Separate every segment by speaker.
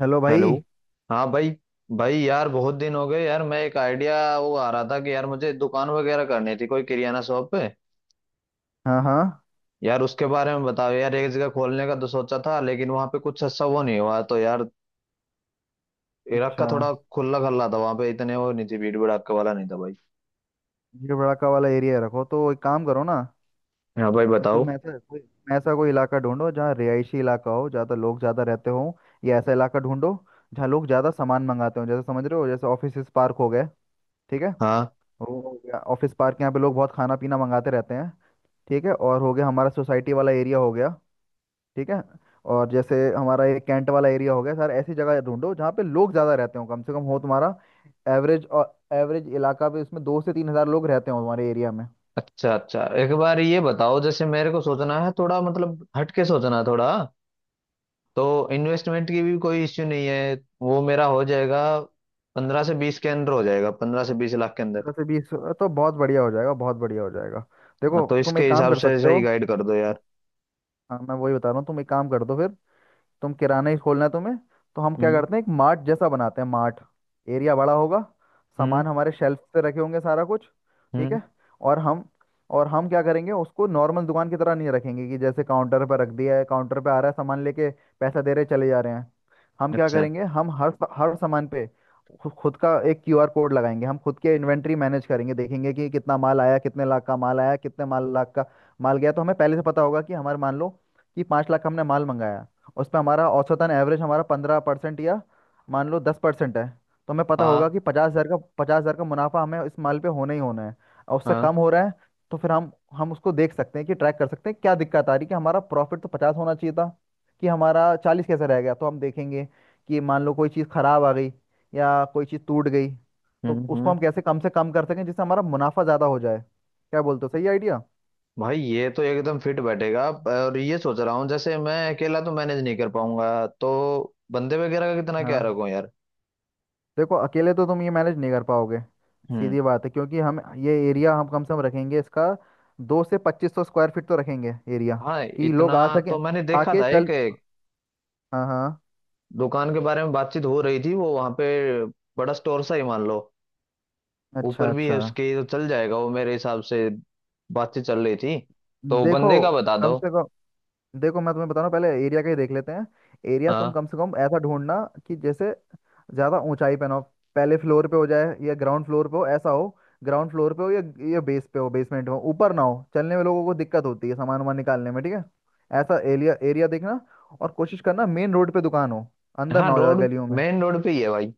Speaker 1: Hello भाई।
Speaker 2: Hello. हाँ भाई। भाई यार बहुत दिन हो गए यार, मैं एक आइडिया वो आ रहा था कि यार मुझे दुकान वगैरह करनी थी कोई किराना शॉप पे।
Speaker 1: हाँ, हाँ।
Speaker 2: यार उसके बारे में बताओ यार, एक जगह खोलने का तो सोचा था लेकिन वहाँ पे कुछ अच्छा वो नहीं हुआ तो यार इलाका का
Speaker 1: अच्छा,
Speaker 2: थोड़ा खुला खल्ला था, वहाँ पे इतने वो नहीं थी, भीड़ भड़ाका वाला नहीं था भाई।
Speaker 1: ये बड़ाका वाला एरिया रखो तो एक काम करो ना।
Speaker 2: हाँ भाई बताओ।
Speaker 1: तुम ऐसा कोई इलाका ढूंढो जहाँ रिहायशी इलाका हो, ज़्यादा लोग ज़्यादा रहते हो। या ऐसा इलाका ढूंढो जहाँ लोग ज़्यादा सामान मंगाते हो, जैसे समझ रहे हो, जैसे ऑफिस पार्क हो गए। ठीक है।
Speaker 2: हाँ।
Speaker 1: वो हो गया ऑफिस पार्क, यहाँ पे लोग बहुत खाना पीना मंगाते रहते हैं। ठीक है, और हो गया हमारा सोसाइटी वाला एरिया हो गया। ठीक है। और जैसे हमारा ये कैंट वाला एरिया हो गया सर, ऐसी जगह ढूंढो जहाँ पे लोग ज़्यादा रहते हो, कम से कम हो तुम्हारा एवरेज। और एवरेज इलाका भी उसमें 2 से 3 हज़ार लोग रहते हो तुम्हारे एरिया में।
Speaker 2: अच्छा अच्छा, एक बार ये बताओ जैसे मेरे को सोचना है थोड़ा, मतलब हटके सोचना है थोड़ा। तो इन्वेस्टमेंट की भी कोई इश्यू नहीं है, वो मेरा हो जाएगा। 15 से 20 के अंदर हो जाएगा, 15 से 20 लाख के अंदर।
Speaker 1: 15 से 20? तो बहुत बढ़िया हो जाएगा, बहुत बढ़िया हो जाएगा।
Speaker 2: हाँ,
Speaker 1: देखो
Speaker 2: तो
Speaker 1: तुम
Speaker 2: इसके
Speaker 1: एक काम
Speaker 2: हिसाब
Speaker 1: कर
Speaker 2: से ऐसा
Speaker 1: सकते
Speaker 2: ही
Speaker 1: हो।
Speaker 2: गाइड कर दो यार।
Speaker 1: हाँ, मैं वही बता रहा हूँ, तुम एक काम कर दो फिर। तुम किराना ही खोलना है तुम्हें? तो हम क्या
Speaker 2: हम्म।
Speaker 1: करते हैं, एक मार्ट जैसा बनाते हैं, मार्ट। एरिया बड़ा होगा,
Speaker 2: हम्म।
Speaker 1: सामान हमारे शेल्फ पे रखे होंगे सारा कुछ। ठीक
Speaker 2: हम्म।
Speaker 1: है। और हम और हम क्या करेंगे, उसको नॉर्मल दुकान की तरह नहीं रखेंगे कि जैसे काउंटर पर रख दिया है, काउंटर पे आ रहा है सामान लेके, पैसा दे रहे चले जा रहे हैं। हम क्या
Speaker 2: अच्छा।
Speaker 1: करेंगे, हम हर हर सामान पे खुद का एक क्यूआर कोड लगाएंगे। हम खुद के इन्वेंट्री मैनेज करेंगे, देखेंगे कि कितना माल आया, कितने लाख का माल आया, कितने माल लाख का माल गया, तो हमें पहले से पता होगा कि हमारे, मान लो कि 5 लाख का हमने माल मंगाया, उसमें हमारा औसतन एवरेज हमारा 15% या मान लो 10% है, तो हमें पता होगा
Speaker 2: हाँ
Speaker 1: कि 50,000 का पचास हज़ार का मुनाफा हमें इस माल पे होना ही होना है। और उससे
Speaker 2: हाँ।
Speaker 1: कम हो रहा है तो फिर हम उसको देख सकते हैं कि ट्रैक कर सकते हैं क्या दिक्कत आ रही है, कि हमारा प्रॉफिट तो पचास होना चाहिए था, कि हमारा चालीस कैसे रह गया। तो हम देखेंगे कि मान लो कोई चीज़ ख़राब आ गई या कोई चीज़ टूट गई, तो
Speaker 2: हम्म।
Speaker 1: उसको
Speaker 2: हम्म।
Speaker 1: हम कैसे कम से कम कर सकें जिससे हमारा मुनाफा ज़्यादा हो जाए। क्या बोलते हो, सही आइडिया?
Speaker 2: भाई ये तो एकदम फिट बैठेगा, और ये सोच रहा हूँ जैसे मैं अकेला तो मैनेज नहीं कर पाऊंगा, तो बंदे वगैरह का कितना क्या
Speaker 1: हाँ।
Speaker 2: रखूं यार।
Speaker 1: देखो अकेले तो तुम ये मैनेज नहीं कर पाओगे,
Speaker 2: हम्म।
Speaker 1: सीधी बात है। क्योंकि हम ये एरिया हम कम से कम रखेंगे इसका, दो से पच्चीस सौ स्क्वायर फीट तो रखेंगे एरिया,
Speaker 2: हाँ
Speaker 1: कि
Speaker 2: इतना।
Speaker 1: लोग आ सके,
Speaker 2: तो मैंने देखा
Speaker 1: आके
Speaker 2: था
Speaker 1: चल।
Speaker 2: एक
Speaker 1: हाँ, हाँ।
Speaker 2: दुकान के बारे में, बातचीत हो रही थी वो वहां पे, बड़ा स्टोर सा ही मान लो,
Speaker 1: अच्छा,
Speaker 2: ऊपर भी है
Speaker 1: अच्छा।
Speaker 2: उसके तो चल जाएगा वो मेरे हिसाब से। बातचीत चल रही थी। तो
Speaker 1: देखो
Speaker 2: बंदे का बता
Speaker 1: कम
Speaker 2: दो।
Speaker 1: से कम, देखो मैं तुम्हें बता रहा हूँ, पहले एरिया का ही देख लेते हैं। एरिया तुम
Speaker 2: हाँ
Speaker 1: कम से कम ऐसा ढूंढना कि जैसे ज्यादा ऊंचाई पे ना हो, पहले फ्लोर पे हो जाए या ग्राउंड फ्लोर पे हो ऐसा हो, ग्राउंड फ्लोर पे हो या बेस पे हो, बेसमेंट में हो। ऊपर ना हो, चलने में लोगों को दिक्कत होती है, सामान वामान निकालने में। ठीक है? ऐसा एरिया एरिया देखना। और कोशिश करना मेन रोड पे दुकान हो, अंदर
Speaker 2: हाँ,
Speaker 1: ना हो ज्यादा
Speaker 2: रोड।
Speaker 1: गलियों में।
Speaker 2: मेन रोड पे ही है भाई।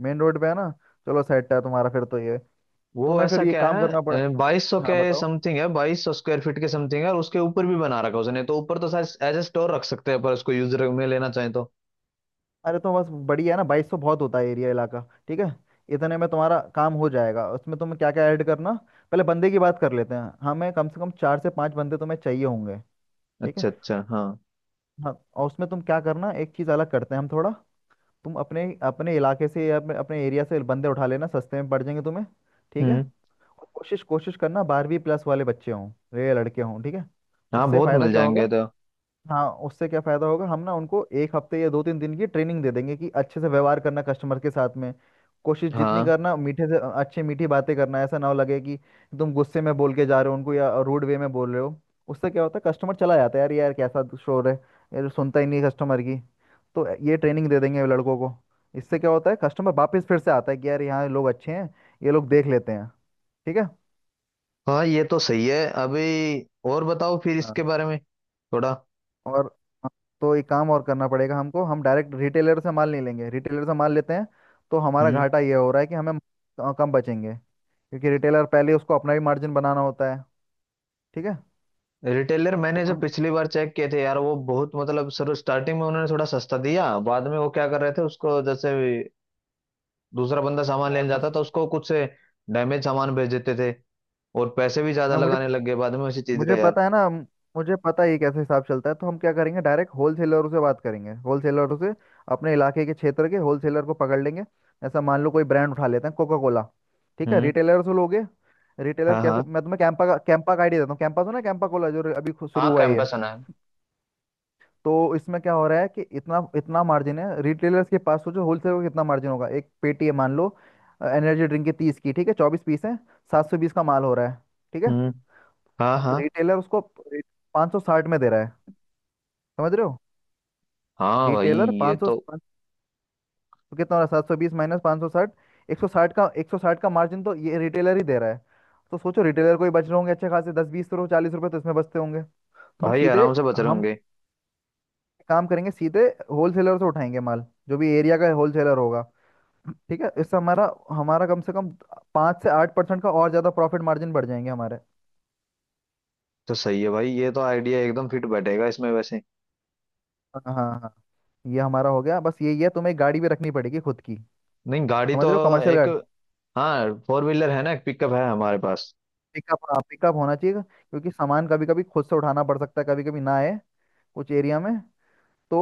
Speaker 1: मेन रोड पे है ना? चलो सेट है तुम्हारा फिर तो ये।
Speaker 2: वो
Speaker 1: तुम्हें फिर
Speaker 2: ऐसा
Speaker 1: ये
Speaker 2: क्या
Speaker 1: काम करना पड़े।
Speaker 2: है, 2200 के
Speaker 1: हाँ बताओ।
Speaker 2: समथिंग है, 2200 स्क्वायर फीट के समथिंग है, और उसके ऊपर भी बना रखा है उसने, तो ऊपर तो शायद एज ए स्टोर रख सकते हैं पर उसको यूजर में लेना चाहे तो।
Speaker 1: अरे तो बस बढ़िया है ना, 2200 बहुत होता है एरिया इलाका। ठीक है, इतने में तुम्हारा काम हो जाएगा। उसमें तुम्हें क्या क्या ऐड करना, पहले बंदे की बात कर लेते हैं। हमें कम से कम चार से पांच बंदे तुम्हें चाहिए होंगे। ठीक है।
Speaker 2: अच्छा अच्छा। हाँ।
Speaker 1: हाँ, और उसमें तुम क्या करना, एक चीज़ अलग करते हैं हम थोड़ा। तुम अपने अपने इलाके से या अपने, अपने एरिया से बंदे उठा लेना, सस्ते में पड़ जाएंगे तुम्हें। ठीक है।
Speaker 2: हम्म।
Speaker 1: और कोशिश कोशिश करना बारहवीं प्लस वाले बच्चे हों, ये लड़के हों। ठीक है।
Speaker 2: हाँ
Speaker 1: उससे
Speaker 2: बहुत
Speaker 1: फ़ायदा
Speaker 2: मिल
Speaker 1: क्या होगा?
Speaker 2: जाएंगे तो।
Speaker 1: हाँ उससे क्या फायदा होगा, हम ना उनको एक हफ्ते या दो तीन दिन की ट्रेनिंग दे देंगे कि अच्छे से व्यवहार करना कस्टमर के साथ में, कोशिश जितनी
Speaker 2: हाँ
Speaker 1: करना मीठे से अच्छे, मीठी बातें करना। ऐसा ना हो लगे कि तुम गुस्से में बोल के जा रहे हो उनको या रूड वे में बोल रहे हो। उससे क्या होता है, कस्टमर चला जाता है यार, यार कैसा शोर है, यार सुनता ही नहीं कस्टमर की। तो ये ट्रेनिंग दे देंगे लड़कों को। इससे क्या होता है, कस्टमर वापस फिर से आता है कि यार यहाँ लोग अच्छे हैं, ये लोग देख लेते हैं। ठीक है।
Speaker 2: हाँ, ये तो सही है अभी। और बताओ फिर इसके
Speaker 1: हाँ
Speaker 2: बारे में थोड़ा।
Speaker 1: और हाँ, तो एक काम और करना पड़ेगा हमको। हम डायरेक्ट रिटेलर से माल नहीं लेंगे, रिटेलर से माल लेते हैं तो हमारा घाटा ये हो रहा है कि हमें कम बचेंगे, क्योंकि रिटेलर पहले उसको अपना भी मार्जिन बनाना होता है। ठीक है।
Speaker 2: रिटेलर,
Speaker 1: तो
Speaker 2: मैंने जो
Speaker 1: हम,
Speaker 2: पिछली बार चेक किए थे यार, वो बहुत मतलब सर स्टार्टिंग में उन्होंने थोड़ा सस्ता दिया, बाद में वो क्या कर रहे थे उसको, जैसे दूसरा बंदा सामान लेने
Speaker 1: मैं
Speaker 2: जाता था उसको कुछ से डैमेज सामान भेज देते थे, और पैसे भी ज्यादा
Speaker 1: मैं- मुझे
Speaker 2: लगाने लग गए बाद में उसी चीज का
Speaker 1: मुझे
Speaker 2: यार।
Speaker 1: पता है ना, मुझे पता है ये कैसे हिसाब चलता है। तो हम क्या करेंगे, डायरेक्ट होलसेलरों से बात करेंगे, होलसेलरों से अपने इलाके के क्षेत्र के होलसेलर को पकड़ लेंगे। ऐसा मान लो कोई ब्रांड उठा लेते हैं, कोका कोला। ठीक है,
Speaker 2: हम्म।
Speaker 1: रिटेलर से लोगे, रिटेलर
Speaker 2: हाँ
Speaker 1: कैसे,
Speaker 2: हाँ।
Speaker 1: मैं तुम्हें कैंपा का आइडिया देता हूँ। कैंपा सुना है, कैंपा कोला जो अभी शुरू
Speaker 2: हाँ
Speaker 1: हुआ ही है।
Speaker 2: कैंपस सुना है।
Speaker 1: तो इसमें क्या हो रहा है कि इतना इतना मार्जिन है रिटेलर्स के पास, सोचो होलसेलर को कितना मार्जिन होगा। एक पेटी है मान लो एनर्जी ड्रिंक की, तीस की, ठीक है, 24 पीस है, 720 का माल हो रहा है। ठीक है,
Speaker 2: हम्म। हाँ हाँ।
Speaker 1: रिटेलर उसको 560 में दे रहा है, समझ रहे हो?
Speaker 2: हाँ भाई
Speaker 1: रिटेलर
Speaker 2: ये
Speaker 1: पाँच सौ,
Speaker 2: तो।
Speaker 1: तो कितना हो रहा है, 720 माइनस 560, 160 का एक सौ साठ का मार्जिन तो ये रिटेलर ही दे रहा है। तो सोचो रिटेलर को ही बच रहे होंगे अच्छे खासे दस बीस रुपये, 40 रुपये तो इसमें बचते होंगे। तो हम
Speaker 2: भाई
Speaker 1: सीधे
Speaker 2: आराम से बच रहे
Speaker 1: हम
Speaker 2: होंगे।
Speaker 1: काम करेंगे सीधे, होलसेलर से उठाएंगे माल, जो भी एरिया का होलसेलर होगा। ठीक है, इससे हमारा, हमारा कम से कम 5 से 8% का और ज़्यादा प्रॉफिट मार्जिन बढ़ जाएंगे हमारे।
Speaker 2: तो सही है भाई, ये तो आइडिया एकदम फिट बैठेगा इसमें वैसे।
Speaker 1: हाँ, हाँ, हाँ। ये हमारा हो गया, बस यही है। तुम्हें एक गाड़ी भी रखनी पड़ेगी खुद की,
Speaker 2: नहीं गाड़ी
Speaker 1: समझ
Speaker 2: तो।
Speaker 1: रहे हो, कमर्शियल
Speaker 2: एक,
Speaker 1: गाड़ी।
Speaker 2: हाँ फोर व्हीलर है ना, एक पिकअप है हमारे पास।
Speaker 1: पिकअप, हाँ पिकअप होना चाहिए क्योंकि सामान कभी कभी खुद से उठाना पड़ सकता है, कभी कभी ना आए कुछ एरिया में तो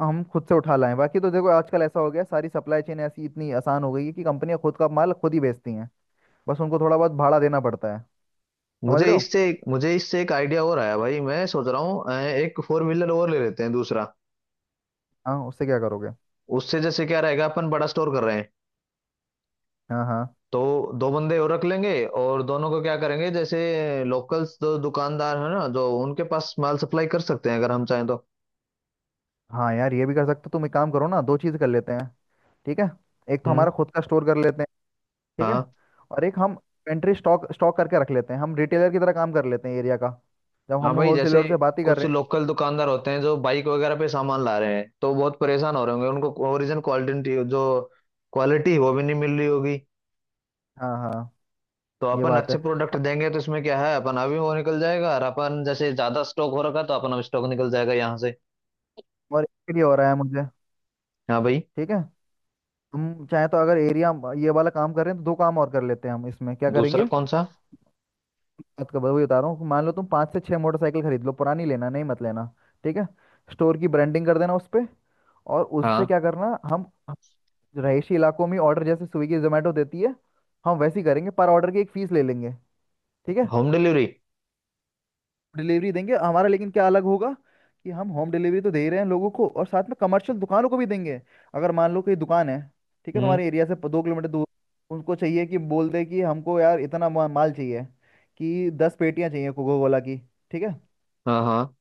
Speaker 1: हम खुद से उठा लाएं। बाकी तो देखो आजकल ऐसा हो गया सारी सप्लाई चेन ऐसी इतनी आसान हो गई है कि कंपनियां खुद का माल खुद ही बेचती हैं, बस उनको थोड़ा बहुत भाड़ा देना पड़ता है, समझ
Speaker 2: मुझे
Speaker 1: रहे हो?
Speaker 2: इससे मुझे इससे एक आइडिया और आया भाई, मैं सोच रहा हूँ एक फोर व्हीलर और ले लेते हैं दूसरा।
Speaker 1: हाँ उससे क्या करोगे?
Speaker 2: उससे जैसे क्या रहेगा, अपन बड़ा स्टोर कर रहे हैं,
Speaker 1: हाँ, हाँ,
Speaker 2: तो दो बंदे और रख लेंगे, और दोनों को क्या करेंगे, जैसे लोकल्स जो दुकानदार है ना, जो उनके पास माल सप्लाई कर सकते हैं अगर हम चाहें तो।
Speaker 1: हाँ, यार ये भी कर सकते हो। तुम एक काम करो ना, दो चीज़ कर लेते हैं। ठीक है, एक तो
Speaker 2: हम्म।
Speaker 1: हमारा खुद का स्टोर कर लेते हैं। ठीक है।
Speaker 2: हाँ।
Speaker 1: और एक हम पेंट्री स्टॉक स्टॉक करके रख लेते हैं, हम रिटेलर की तरह काम कर लेते हैं एरिया का, जब
Speaker 2: हाँ
Speaker 1: हम
Speaker 2: भाई, जैसे
Speaker 1: होलसेलर से बात ही कर
Speaker 2: कुछ
Speaker 1: रहे
Speaker 2: लोकल दुकानदार होते हैं जो बाइक वगैरह पे सामान ला रहे हैं, तो बहुत परेशान हो रहे होंगे, उनको ओरिजिनल क्वालिटी जो क्वालिटी वो भी नहीं मिल रही होगी।
Speaker 1: हैं। हाँ, हाँ,
Speaker 2: तो
Speaker 1: ये
Speaker 2: अपन
Speaker 1: बात है।
Speaker 2: अच्छे प्रोडक्ट देंगे तो इसमें क्या है, अपन अभी वो निकल जाएगा, और अपन जैसे ज्यादा स्टॉक हो रखा है, तो अपन अब स्टॉक निकल जाएगा यहाँ से।
Speaker 1: और इसके लिए हो रहा है मुझे।
Speaker 2: हाँ भाई।
Speaker 1: ठीक है, तुम चाहे तो अगर एरिया ये वाला काम कर रहे हैं तो दो काम और कर लेते हैं हम, इसमें क्या करेंगे,
Speaker 2: दूसरा कौन सा।
Speaker 1: बात कर वही बता रहा हूँ। मान लो तुम 5 से 6 मोटरसाइकिल खरीद लो, पुरानी लेना, नहीं, मत लेना। ठीक है। स्टोर की ब्रांडिंग कर देना उस पर। और उससे
Speaker 2: हाँ।
Speaker 1: क्या करना, हम रहायशी इलाकों में ऑर्डर जैसे स्विगी जोमेटो देती है, हम वैसे ही करेंगे, पर ऑर्डर की एक फीस ले लेंगे। ठीक है,
Speaker 2: होम डिलीवरी।
Speaker 1: डिलीवरी देंगे हमारा, लेकिन क्या अलग होगा कि हम होम डिलीवरी तो दे रहे हैं लोगों को और साथ में कमर्शियल दुकानों को भी देंगे। अगर मान लो कोई दुकान है, ठीक है,
Speaker 2: हम्म।
Speaker 1: तुम्हारे एरिया से 2 किलोमीटर दूर, उनको चाहिए कि बोल दे कि हमको यार इतना माल चाहिए, कि 10 पेटियां चाहिए कोको कोला की। ठीक है,
Speaker 2: हाँ हाँ,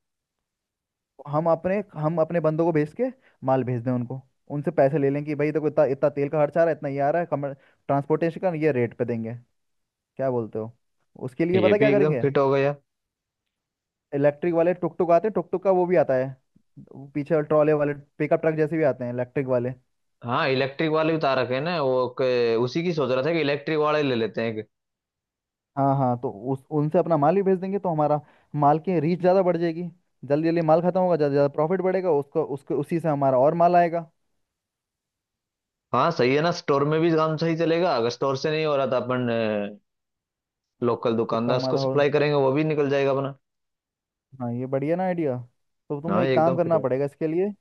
Speaker 1: तो हम अपने बंदों को भेज के माल भेज दें उनको, उनसे पैसे ले लें कि भाई देखो इतना इतना तेल का खर्चा आ रहा है, इतना ये आ रहा है कमर ट्रांसपोर्टेशन का, ये रेट पे देंगे। क्या बोलते हो? उसके लिए
Speaker 2: ये
Speaker 1: पता
Speaker 2: भी
Speaker 1: क्या
Speaker 2: एकदम
Speaker 1: करेंगे,
Speaker 2: फिट हो गया।
Speaker 1: इलेक्ट्रिक वाले टुक टुक आते हैं, टुक टुक का वो भी आता है, वो पीछे ट्रॉले वाले पिकअप ट्रक जैसे भी आते हैं इलेक्ट्रिक वाले।
Speaker 2: हाँ इलेक्ट्रिक वाले उतार रखे हैं ना वो, उसी की सोच रहा था कि इलेक्ट्रिक वाले ले लेते हैं एक।
Speaker 1: हाँ, हाँ, तो उस उनसे अपना माल भी भेज देंगे तो हमारा माल की रीच ज़्यादा बढ़ जाएगी, जल्दी जल्दी माल खत्म होगा, ज़्यादा से ज़्यादा प्रॉफिट बढ़ेगा, उसको उसके उसी से हमारा और माल आएगा।
Speaker 2: हाँ सही है ना, स्टोर में भी काम सही चलेगा, अगर स्टोर से नहीं हो रहा तो अपन
Speaker 1: हाँ,
Speaker 2: लोकल
Speaker 1: खुद का
Speaker 2: दुकानदार को
Speaker 1: हमारा हो।
Speaker 2: सप्लाई करेंगे, वो भी निकल जाएगा अपना।
Speaker 1: हाँ ये बढ़िया ना आइडिया? तो तुम्हें
Speaker 2: हाँ ये
Speaker 1: एक काम
Speaker 2: एकदम फिट
Speaker 1: करना
Speaker 2: हुआ।
Speaker 1: पड़ेगा इसके लिए।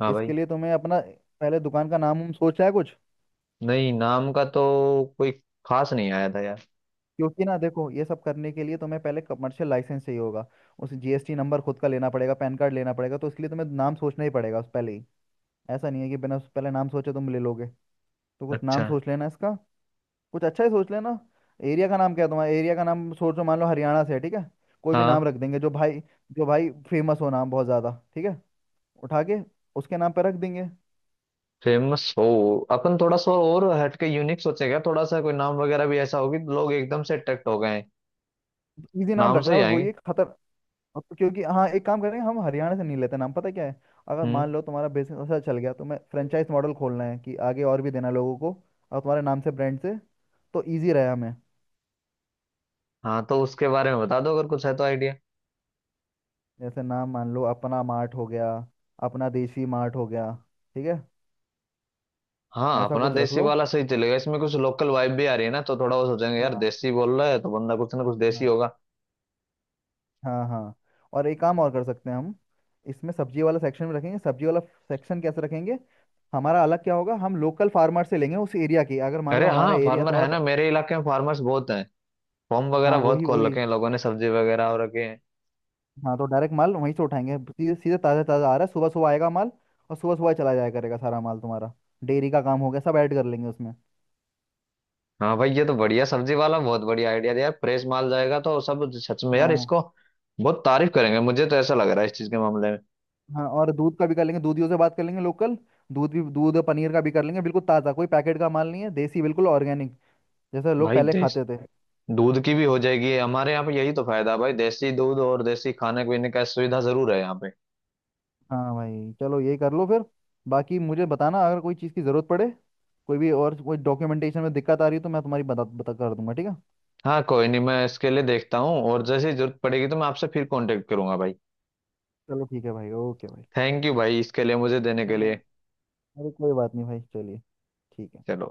Speaker 2: हाँ भाई।
Speaker 1: इसके लिए तुम्हें अपना पहले दुकान का नाम, हम सोचा है कुछ?
Speaker 2: नहीं नाम का तो कोई खास नहीं आया था यार।
Speaker 1: क्योंकि ना देखो ये सब करने के लिए तुम्हें पहले कमर्शियल लाइसेंस चाहिए होगा, उस जीएसटी नंबर खुद का लेना पड़ेगा, पैन कार्ड लेना पड़ेगा, तो इसलिए तुम्हें नाम सोचना ही पड़ेगा उस पहले ही। ऐसा नहीं है कि बिना उस पहले नाम सोचे तुम ले लोगे। तो कुछ नाम
Speaker 2: अच्छा।
Speaker 1: सोच लेना इसका, कुछ अच्छा ही सोच लेना। एरिया का नाम क्या है तुम्हारा, एरिया का नाम सोचो, मान लो हरियाणा से है, ठीक है, कोई भी नाम
Speaker 2: हाँ
Speaker 1: रख देंगे। जो भाई फेमस हो नाम बहुत ज़्यादा, ठीक है, उठा के उसके नाम पे रख देंगे।
Speaker 2: फेमस हो। अपन थोड़ा सा और हटके यूनिक सोचेगा, थोड़ा सा कोई नाम वगैरह भी ऐसा होगी लोग एकदम से अट्रैक्ट हो गए हैं।
Speaker 1: इजी नाम
Speaker 2: नाम से
Speaker 1: रखना,
Speaker 2: ही
Speaker 1: बस वही
Speaker 2: आएंगे।
Speaker 1: है खतर। अब तो क्योंकि हाँ, एक काम करेंगे हम, हरियाणा से नहीं लेते नाम, पता क्या है, अगर
Speaker 2: हम्म।
Speaker 1: मान लो तुम्हारा बिजनेस अच्छा चल गया तो मैं फ्रेंचाइज मॉडल खोलना है कि आगे और भी देना लोगों को, और तुम्हारे नाम से, ब्रांड से, तो इजी रहे हमें।
Speaker 2: हाँ तो उसके बारे में बता दो अगर कुछ है तो आइडिया।
Speaker 1: जैसे नाम मान लो अपना मार्ट हो गया, अपना देसी मार्ट हो गया, ठीक है,
Speaker 2: हाँ
Speaker 1: ऐसा
Speaker 2: अपना
Speaker 1: कुछ रख
Speaker 2: देसी
Speaker 1: लो।
Speaker 2: वाला सही चलेगा, इसमें कुछ लोकल वाइब भी आ रही है ना, तो थोड़ा वो सोचेंगे यार
Speaker 1: हाँ,
Speaker 2: देसी बोल रहा है तो बंदा कुछ ना कुछ देसी
Speaker 1: हाँ,
Speaker 2: होगा।
Speaker 1: हाँ, हाँ। और एक काम और कर सकते हैं हम, इसमें सब्जी वाला सेक्शन में रखेंगे, सब्जी वाला सेक्शन कैसे रखेंगे, हमारा अलग क्या होगा, हम लोकल फार्मर से लेंगे उस एरिया की, अगर मान लो
Speaker 2: अरे
Speaker 1: हमारा
Speaker 2: हाँ,
Speaker 1: एरिया
Speaker 2: फार्मर है
Speaker 1: तुम्हारा
Speaker 2: ना, मेरे इलाके में फार्मर्स बहुत हैं। फॉर्म
Speaker 1: हाँ
Speaker 2: वगैरह बहुत
Speaker 1: वही
Speaker 2: खोल
Speaker 1: वही।
Speaker 2: रखे हैं लोगों ने, सब्जी वगैरह और रखे हैं।
Speaker 1: हाँ, तो डायरेक्ट माल वहीं से उठाएंगे, सीधे सीधे ताज़ा ताज़ा आ रहा है, सुबह सुबह आएगा माल और सुबह सुबह ही चला जाया करेगा सारा माल तुम्हारा। डेयरी का काम हो गया, सब ऐड कर लेंगे उसमें।
Speaker 2: हाँ भाई ये तो बढ़िया, सब्जी वाला बहुत बढ़िया आइडिया दिया यार, प्रेस माल जाएगा तो सब, सच में यार
Speaker 1: हाँ,
Speaker 2: इसको बहुत तारीफ करेंगे, मुझे तो ऐसा लग रहा है इस चीज के मामले में।
Speaker 1: हाँ, और दूध का भी कर लेंगे, दूधियों से बात कर लेंगे लोकल, दूध भी, दूध पनीर का भी कर लेंगे बिल्कुल ताज़ा, कोई पैकेट का माल नहीं है, देसी बिल्कुल ऑर्गेनिक जैसे लोग
Speaker 2: भाई
Speaker 1: पहले
Speaker 2: देश
Speaker 1: खाते थे।
Speaker 2: दूध की भी हो जाएगी हमारे यहाँ पे, यही तो फायदा है भाई, देसी दूध और देसी खाने पीने का सुविधा जरूर है यहाँ पे।
Speaker 1: हाँ भाई चलो ये कर लो फिर। बाकी मुझे बताना अगर कोई चीज़ की ज़रूरत पड़े, कोई भी, और कोई डॉक्यूमेंटेशन में दिक्कत आ रही है तो मैं तुम्हारी मदद बता कर दूंगा। ठीक है?
Speaker 2: हाँ कोई नहीं, मैं इसके लिए देखता हूँ और जैसे ही जरूरत पड़ेगी तो मैं आपसे फिर कांटेक्ट करूंगा भाई।
Speaker 1: चलो ठीक है भाई, ओके भाई।
Speaker 2: थैंक यू भाई इसके लिए, मुझे देने के
Speaker 1: हाँ,
Speaker 2: लिए।
Speaker 1: अरे कोई बात नहीं भाई, चलिए। ठीक है।
Speaker 2: चलो।